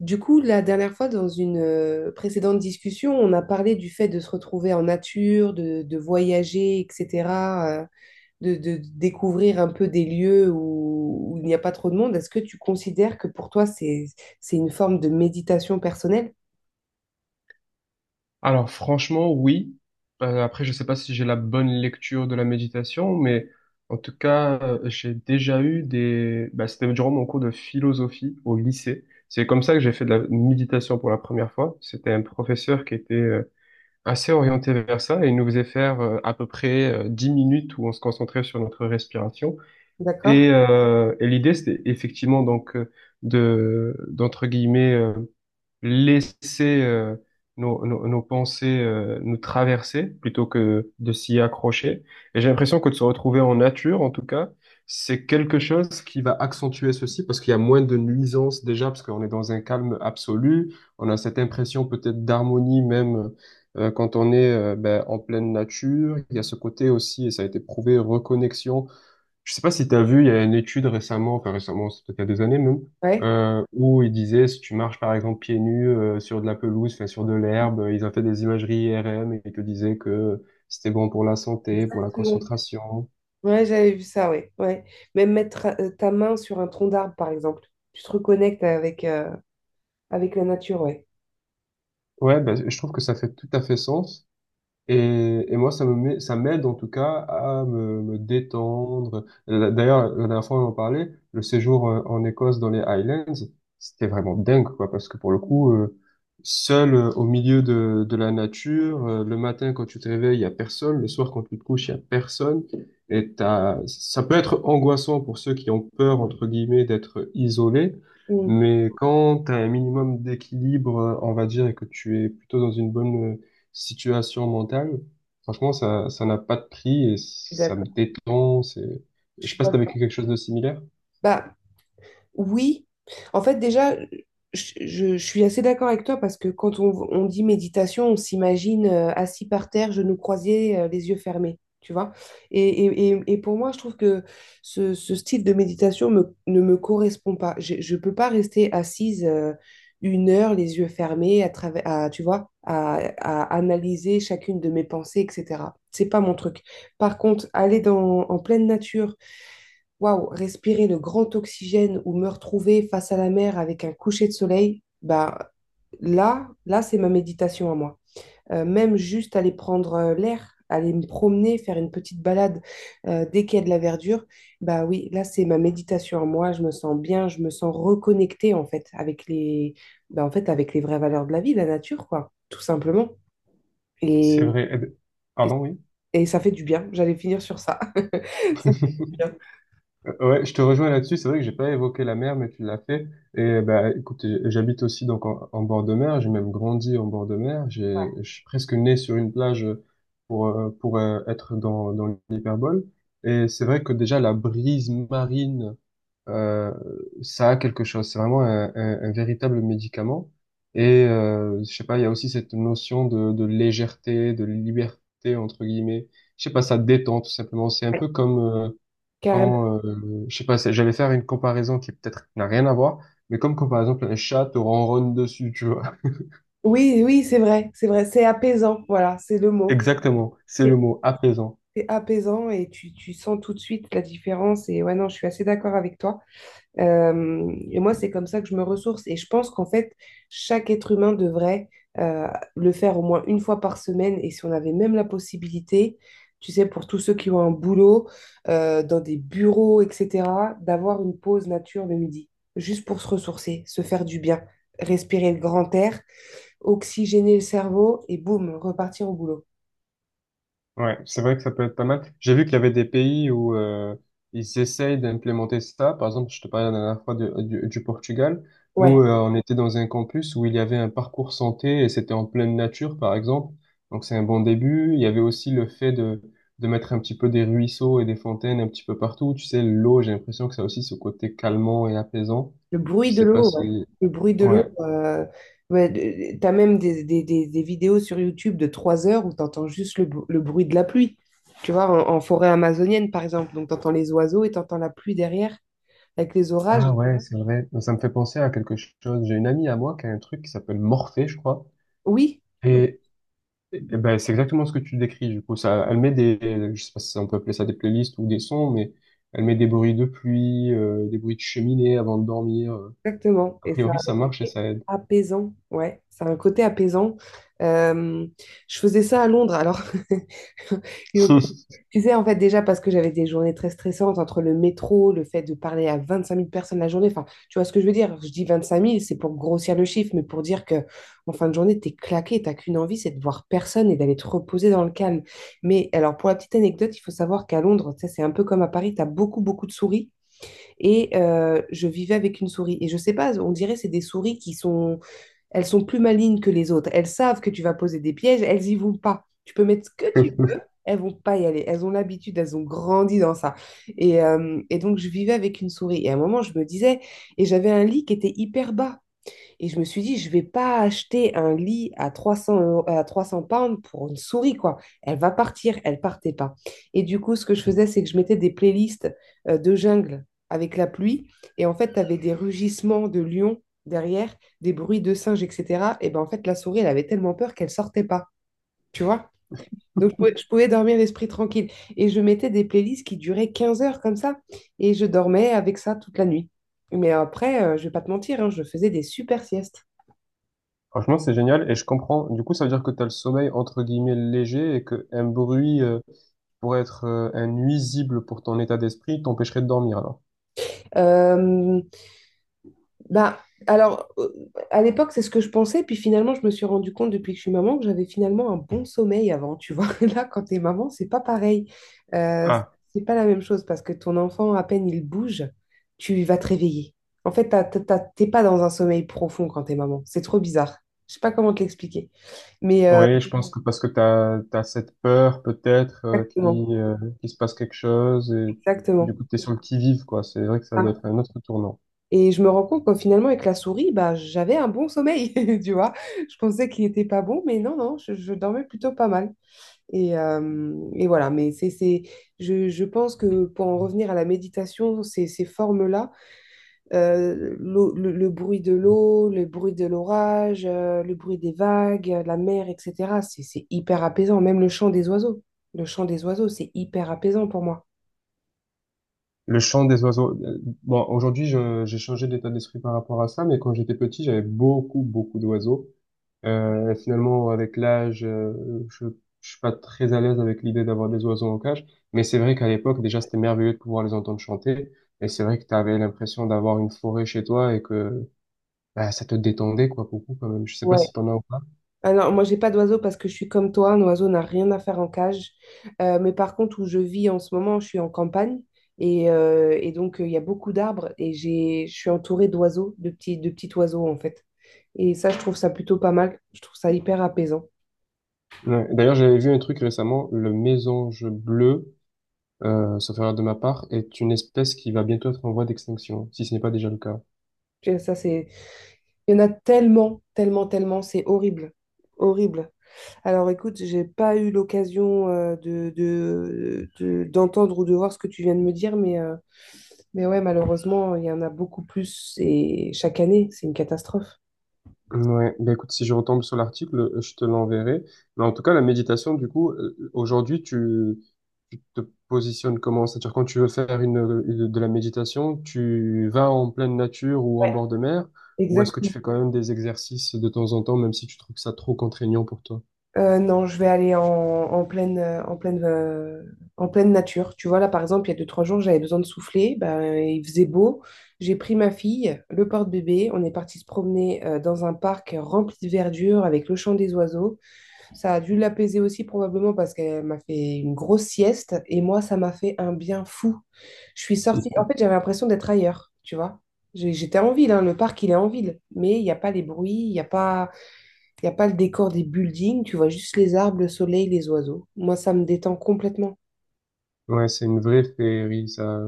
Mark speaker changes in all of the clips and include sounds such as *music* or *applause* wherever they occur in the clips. Speaker 1: Du coup, la dernière fois, dans une précédente discussion, on a parlé du fait de se retrouver en nature, de voyager, etc., euh, de découvrir un peu des lieux où il n'y a pas trop de monde. Est-ce que tu considères que pour toi, c'est une forme de méditation personnelle?
Speaker 2: Alors franchement, oui. Après, je sais pas si j'ai la bonne lecture de la méditation, mais en tout cas, j'ai déjà eu... c'était durant mon cours de philosophie au lycée. C'est comme ça que j'ai fait de la méditation pour la première fois. C'était un professeur qui était assez orienté vers ça et il nous faisait faire à peu près 10 minutes où on se concentrait sur notre respiration.
Speaker 1: D'accord?
Speaker 2: Et l'idée, c'était effectivement d'entre guillemets... laisser nos pensées nous traverser plutôt que de s'y accrocher. Et j'ai l'impression que de se retrouver en nature, en tout cas, c'est quelque chose qui va accentuer ceci parce qu'il y a moins de nuisances déjà, parce qu'on est dans un calme absolu. On a cette impression peut-être d'harmonie même quand on est en pleine nature. Il y a ce côté aussi, et ça a été prouvé, reconnexion, je sais pas si tu as vu, il y a une étude récemment, enfin récemment, c'est peut-être il y a des années même,
Speaker 1: Ouais.
Speaker 2: où ils disaient si tu marches par exemple pieds nus sur de la pelouse, enfin sur de
Speaker 1: Oui.
Speaker 2: l'herbe, ils ont fait des imageries IRM et ils te disaient que c'était bon pour la santé, pour la
Speaker 1: Exactement.
Speaker 2: concentration.
Speaker 1: Ouais, j'avais vu ça, ouais. Ouais. Même mettre ta main sur un tronc d'arbre, par exemple. Tu te reconnectes avec la nature, ouais.
Speaker 2: Ouais, bah, je trouve que ça fait tout à fait sens. Et moi, ça me met, ça m'aide en tout cas à me, me détendre. La- D'ailleurs, la dernière fois, on en parlait, le séjour en Écosse dans les Highlands, c'était vraiment dingue, quoi, parce que pour le coup, seul au milieu de la nature, le matin quand tu te réveilles, il y a personne, le soir quand tu te couches, il y a personne. Et t'as, ça peut être angoissant pour ceux qui ont peur, entre guillemets, d'être isolés,
Speaker 1: Mm,
Speaker 2: mais quand tu as un minimum d'équilibre, on va dire, et que tu es plutôt dans une bonne situation mentale, franchement, ça n'a pas de prix et
Speaker 1: je suis
Speaker 2: ça me
Speaker 1: d'accord.
Speaker 2: détend. C'est,
Speaker 1: Je
Speaker 2: je sais
Speaker 1: suis
Speaker 2: pas si t'as
Speaker 1: d'accord.
Speaker 2: vécu quelque chose de similaire.
Speaker 1: Bah. Oui, en fait, déjà, je suis assez d'accord avec toi parce que quand on dit méditation, on s'imagine assis par terre, genoux croisés, les yeux fermés, tu vois. Et pour moi, je trouve que ce style de méditation ne me correspond pas. Je ne peux pas rester assise 1 heure, les yeux fermés, tu vois, à analyser chacune de mes pensées, etc. C'est pas mon truc. Par contre, aller en pleine nature. Waouh, respirer le grand oxygène ou me retrouver face à la mer avec un coucher de soleil, bah là, c'est ma méditation à moi. Même juste aller prendre l'air, aller me promener, faire une petite balade dès qu'il y a de la verdure, bah oui, là, c'est ma méditation à moi. Je me sens bien, je me sens reconnectée en fait bah, en fait, avec les vraies valeurs de la vie, la nature, quoi, tout simplement.
Speaker 2: C'est
Speaker 1: Et,
Speaker 2: vrai. Eh ben,
Speaker 1: et,
Speaker 2: pardon, oui.
Speaker 1: et ça fait du bien. J'allais finir sur ça. *laughs* Ça fait
Speaker 2: *laughs*
Speaker 1: du bien.
Speaker 2: Ouais, je te rejoins là-dessus. C'est vrai que j'ai pas évoqué la mer, mais tu l'as fait. Et bah, écoute, j'habite aussi donc en, en bord de mer. J'ai même grandi en bord de mer. J'ai, je suis presque né sur une plage pour être dans l'hyperbole. Et c'est vrai que déjà la brise marine, euh, ça a quelque chose. C'est vraiment un, un véritable médicament. Et je sais pas, il y a aussi cette notion de légèreté, de liberté entre guillemets. Je sais pas, ça détend tout simplement. C'est un
Speaker 1: Ouais.
Speaker 2: peu comme
Speaker 1: Carrément.
Speaker 2: je sais pas, c'est- j'allais faire une comparaison qui peut-être n'a rien à voir, mais comme quand par exemple un chat te ronronne dessus, tu vois.
Speaker 1: Oui, oui, c'est vrai, c'est vrai, c'est apaisant, voilà, c'est le
Speaker 2: *laughs*
Speaker 1: mot.
Speaker 2: Exactement, c'est le
Speaker 1: C'est
Speaker 2: mot apaisant.
Speaker 1: c'est apaisant et tu sens tout de suite la différence. Et ouais, non, je suis assez d'accord avec toi. Et moi, c'est comme ça que je me ressource. Et je pense qu'en fait, chaque être humain devrait euh, le faire au moins une fois par semaine. Et si on avait même la possibilité, tu sais, pour tous ceux qui ont un boulot, dans des bureaux, etc., d'avoir une pause nature le midi, juste pour se ressourcer, se faire du bien, respirer le grand air, oxygéner le cerveau et boum, repartir au boulot.
Speaker 2: Ouais, c'est vrai que ça peut être pas mal. J'ai vu qu'il y avait des pays où ils essayent d'implémenter ça. Par exemple, je te parlais la dernière fois de- du Portugal.
Speaker 1: Ouais,
Speaker 2: Nous, on était dans un campus où il y avait un parcours santé et c'était en pleine nature, par exemple. Donc, c'est un bon début. Il y avait aussi le fait de mettre un petit peu des ruisseaux et des fontaines un petit peu partout. Tu sais, l'eau, j'ai l'impression que ça a aussi ce côté calmant et apaisant.
Speaker 1: le bruit
Speaker 2: Je
Speaker 1: de
Speaker 2: sais pas
Speaker 1: l'eau, ouais.
Speaker 2: si...
Speaker 1: Le bruit de l'eau.
Speaker 2: Ouais.
Speaker 1: Ouais, t'as même des vidéos sur YouTube de 3 heures où t'entends juste le bruit de la pluie. Tu vois, en forêt amazonienne, par exemple. Donc, t'entends les oiseaux et t'entends la pluie derrière avec les orages.
Speaker 2: Ah ouais, c'est vrai. Ça me fait penser à quelque chose. J'ai une amie à moi qui a un truc qui s'appelle Morphée, je crois.
Speaker 1: Oui,
Speaker 2: Et eh ben, c'est exactement ce que tu décris, du coup. Ça, elle met des, je sais pas si on peut appeler ça des playlists ou des sons, mais elle met des bruits de pluie, des bruits de cheminée avant de dormir.
Speaker 1: exactement.
Speaker 2: A
Speaker 1: Et ça
Speaker 2: priori,
Speaker 1: a
Speaker 2: ça
Speaker 1: un
Speaker 2: marche et
Speaker 1: côté
Speaker 2: ça aide.
Speaker 1: apaisant. Ouais, ça a un côté apaisant. Euh, je faisais ça à Londres. Alors, *laughs* ils ont.
Speaker 2: *laughs*
Speaker 1: Tu sais, en fait, déjà parce que j'avais des journées très stressantes entre le métro, le fait de parler à 25 000 personnes la journée. Enfin, tu vois ce que je veux dire? Je dis 25 000, c'est pour grossir le chiffre, mais pour dire que en fin de journée, t'es claqué, t'as qu'une envie, c'est de voir personne et d'aller te reposer dans le calme. Mais alors, pour la petite anecdote, il faut savoir qu'à Londres, ça, c'est un peu comme à Paris, t'as beaucoup, beaucoup de souris. Et je vivais avec une souris. Et je sais pas, on dirait c'est des souris qui sont, elles sont plus malignes que les autres. Elles savent que tu vas poser des pièges, elles y vont pas. Tu peux mettre ce que tu, elles vont pas y aller. Elles ont l'habitude, elles ont grandi dans ça. Et donc, je vivais avec une souris. Et à un moment, je me disais, et j'avais un lit qui était hyper bas. Et je me suis dit, je vais pas acheter un lit à à 300 pounds pour une souris, quoi. Elle va partir, elle partait pas. Et du coup, ce que je faisais, c'est que je mettais des playlists de jungle avec la pluie. Et en fait, tu avais des rugissements de lions derrière, des bruits de singes, etc. Et ben en fait, la souris, elle avait tellement peur qu'elle sortait pas. Tu vois? Donc, je pouvais dormir l'esprit tranquille. Et je mettais des playlists qui duraient 15 heures comme ça. Et je dormais avec ça toute la nuit. Mais après, je vais pas te mentir, hein, je faisais des super siestes.
Speaker 2: Franchement, c'est génial et je comprends. Du coup, ça veut dire que tu as le sommeil entre guillemets léger et que un bruit pourrait être un nuisible pour ton état d'esprit, t'empêcherait de dormir alors.
Speaker 1: Euh, bah, alors, à l'époque, c'est ce que je pensais, puis finalement, je me suis rendu compte depuis que je suis maman que j'avais finalement un bon sommeil avant, tu vois. *laughs* Là, quand t'es maman, c'est pas pareil. Euh,
Speaker 2: Ah,
Speaker 1: c'est pas la même chose parce que ton enfant, à peine il bouge, tu vas te réveiller. En fait, t'es pas dans un sommeil profond quand t'es maman. C'est trop bizarre. Je sais pas comment te l'expliquer. Mais
Speaker 2: oui, je pense que parce que t'as cette peur peut-être
Speaker 1: exactement,
Speaker 2: qui qu'il se passe quelque chose et
Speaker 1: exactement.
Speaker 2: du coup t'es sur le qui-vive quoi. C'est vrai que ça doit
Speaker 1: Ah.
Speaker 2: être un autre tournant.
Speaker 1: Et je me rends compte que finalement, avec la souris, bah, j'avais un bon sommeil, *laughs* tu vois. Je pensais qu'il était pas bon, mais non, non, je dormais plutôt pas mal. Et voilà, mais je pense que pour en revenir à la méditation, ces formes-là, le bruit de l'eau, le bruit de l'orage, le bruit des vagues, la mer, etc., c'est hyper apaisant, même le chant des oiseaux. Le chant des oiseaux, c'est hyper apaisant pour moi.
Speaker 2: Le chant des oiseaux, bon, aujourd'hui je- j'ai changé d'état d'esprit par rapport à ça, mais quand j'étais petit j'avais beaucoup d'oiseaux. Et finalement avec l'âge, je, je suis pas très à l'aise avec l'idée d'avoir des oiseaux en cage, mais c'est vrai qu'à l'époque déjà c'était merveilleux de pouvoir les entendre chanter. Et c'est vrai que t'avais l'impression d'avoir une forêt chez toi et que bah, ça te détendait, quoi, beaucoup, quand même. Je sais pas
Speaker 1: Ouais.
Speaker 2: si t'en as ou pas.
Speaker 1: Ah non, moi j'ai pas d'oiseau parce que je suis comme toi, un oiseau n'a rien à faire en cage. Mais par contre, où je vis en ce moment, je suis en campagne et donc il y a beaucoup d'arbres et je suis entourée d'oiseaux, de petits oiseaux en fait. Et ça, je trouve ça plutôt pas mal. Je trouve ça hyper apaisant.
Speaker 2: Ouais. D'ailleurs, j'avais vu un truc récemment, le mésange bleu, sauf erreur de ma part, est une espèce qui va bientôt être en voie d'extinction, si ce n'est pas déjà le cas.
Speaker 1: Puis ça, c'est. Il y en a tellement, tellement, tellement, c'est horrible. Horrible. Alors écoute, j'ai pas eu l'occasion d'entendre ou de voir ce que tu viens de me dire, Mais ouais, malheureusement, il y en a beaucoup plus et chaque année, c'est une catastrophe.
Speaker 2: Ouais, bah écoute, si je retombe sur l'article, je te l'enverrai. Mais en tout cas, la méditation, du coup, aujourd'hui, tu te positionnes comment? C'est-à-dire, quand tu veux faire une- de la méditation, tu vas en pleine nature ou en bord de mer, ou est-ce que tu
Speaker 1: Exactement.
Speaker 2: fais quand même des exercices de temps en temps, même si tu trouves ça trop contraignant pour toi?
Speaker 1: Non, je vais aller en pleine nature. Tu vois, là, par exemple, il y a deux, trois jours, j'avais besoin de souffler. Ben, il faisait beau. J'ai pris ma fille, le porte-bébé. On est parti se promener dans un parc rempli de verdure avec le chant des oiseaux. Ça a dû l'apaiser aussi probablement parce qu'elle m'a fait une grosse sieste et moi, ça m'a fait un bien fou. Je suis sortie, en fait, j'avais l'impression d'être ailleurs, tu vois. J'étais en ville, hein, le parc, il est en ville, mais il n'y a pas les bruits, il y a pas le décor des buildings, tu vois juste les arbres, le soleil, les oiseaux. Moi, ça me détend complètement.
Speaker 2: Ouais, c'est une vraie féerie, ça,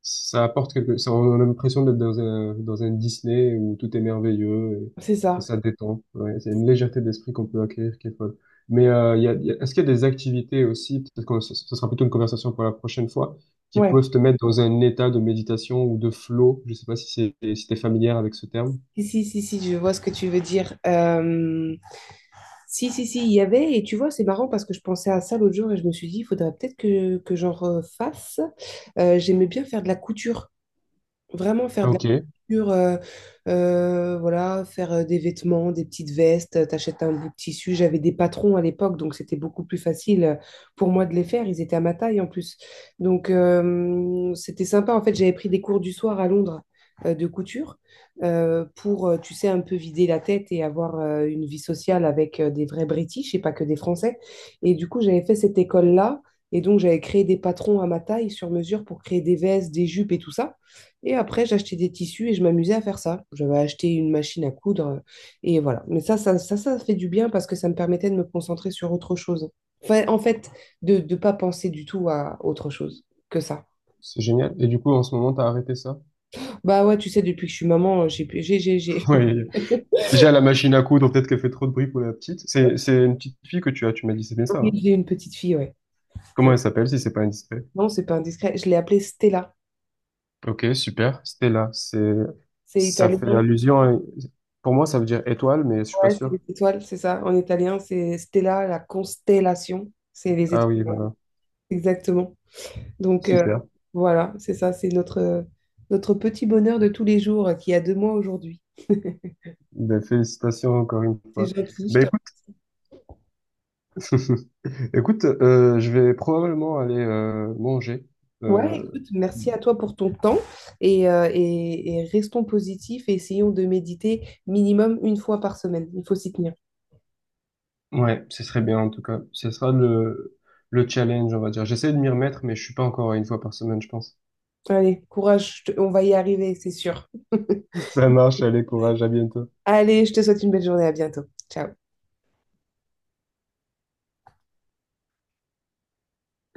Speaker 2: ça apporte quelque, ça, on a l'impression d'être dans un Disney où tout est merveilleux
Speaker 1: C'est
Speaker 2: et
Speaker 1: ça.
Speaker 2: ça détend. Ouais, c'est une légèreté d'esprit qu'on peut acquérir qui est folle. Mais il y a- est-ce qu'il y a des activités aussi, peut-être que ce sera plutôt une conversation pour la prochaine fois, qui
Speaker 1: Ouais.
Speaker 2: peuvent te mettre dans un état de méditation ou de flow? Je sais pas si c'est, si t'es familière avec ce terme.
Speaker 1: Si, si, si, si, je vois ce que tu veux dire. Si, si, si, il y avait, et tu vois, c'est marrant parce que je pensais à ça l'autre jour et je me suis dit, il faudrait peut-être que j'en refasse. J'aimais bien faire de la couture. Vraiment faire
Speaker 2: Ah,
Speaker 1: de la
Speaker 2: ok,
Speaker 1: couture, voilà, faire des vêtements, des petites vestes, t'achètes un bout de tissu. J'avais des patrons à l'époque, donc c'était beaucoup plus facile pour moi de les faire. Ils étaient à ma taille en plus. Donc c'était sympa. En fait, j'avais pris des cours du soir à Londres de couture pour, tu sais, un peu vider la tête et avoir une vie sociale avec des vrais British et pas que des Français. Et du coup, j'avais fait cette école-là. Et donc, j'avais créé des patrons à ma taille sur mesure pour créer des vestes, des jupes et tout ça. Et après, j'achetais des tissus et je m'amusais à faire ça. J'avais acheté une machine à coudre et voilà. Mais ça fait du bien parce que ça me permettait de me concentrer sur autre chose. Enfin, en fait, de ne pas penser du tout à autre chose que ça.
Speaker 2: c'est génial. Et du coup, en ce moment, t'as arrêté ça?
Speaker 1: Bah ouais, tu sais, depuis que je suis maman, j'ai
Speaker 2: *laughs* Ouais. Déjà, la machine à coudre, peut-être qu'elle fait trop de bruit pour la petite. C'est une petite fille que tu as, tu m'as dit, c'est bien
Speaker 1: *laughs*
Speaker 2: ça,
Speaker 1: Oui,
Speaker 2: hein?
Speaker 1: j'ai une petite fille, ouais.
Speaker 2: Comment
Speaker 1: Ouais.
Speaker 2: elle s'appelle si c'est pas indiscret?
Speaker 1: Non, c'est pas indiscret. Je l'ai appelée Stella.
Speaker 2: Ok, super. Stella, c'est,
Speaker 1: C'est
Speaker 2: ça fait
Speaker 1: italien,
Speaker 2: allusion à- pour moi, ça veut dire étoile, mais je suis pas
Speaker 1: ouais, c'est
Speaker 2: sûr.
Speaker 1: les étoiles, c'est ça. En italien, c'est Stella, la constellation. C'est les
Speaker 2: Ah
Speaker 1: étoiles,
Speaker 2: oui, voilà.
Speaker 1: exactement. Donc
Speaker 2: Super.
Speaker 1: voilà, c'est ça, c'est notre petit bonheur de tous les jours qui a 2 mois aujourd'hui. *laughs*
Speaker 2: Ben, félicitations encore une
Speaker 1: C'est
Speaker 2: fois.
Speaker 1: gentil, je
Speaker 2: Ben,
Speaker 1: te...
Speaker 2: écoute, *laughs* écoute, je vais probablement aller manger.
Speaker 1: Ouais,
Speaker 2: Euh,
Speaker 1: écoute, merci à toi pour ton temps et restons positifs et essayons de méditer minimum une fois par semaine. Il faut s'y tenir.
Speaker 2: ouais, ce serait bien en tout cas. Ce sera le challenge, on va dire. J'essaie de m'y remettre, mais je suis pas encore à une fois par semaine, je pense.
Speaker 1: Allez, courage, on va y arriver, c'est sûr. *laughs*
Speaker 2: *laughs* Ça marche, allez, courage, à bientôt.
Speaker 1: Allez, je te souhaite une belle journée, à bientôt. Ciao.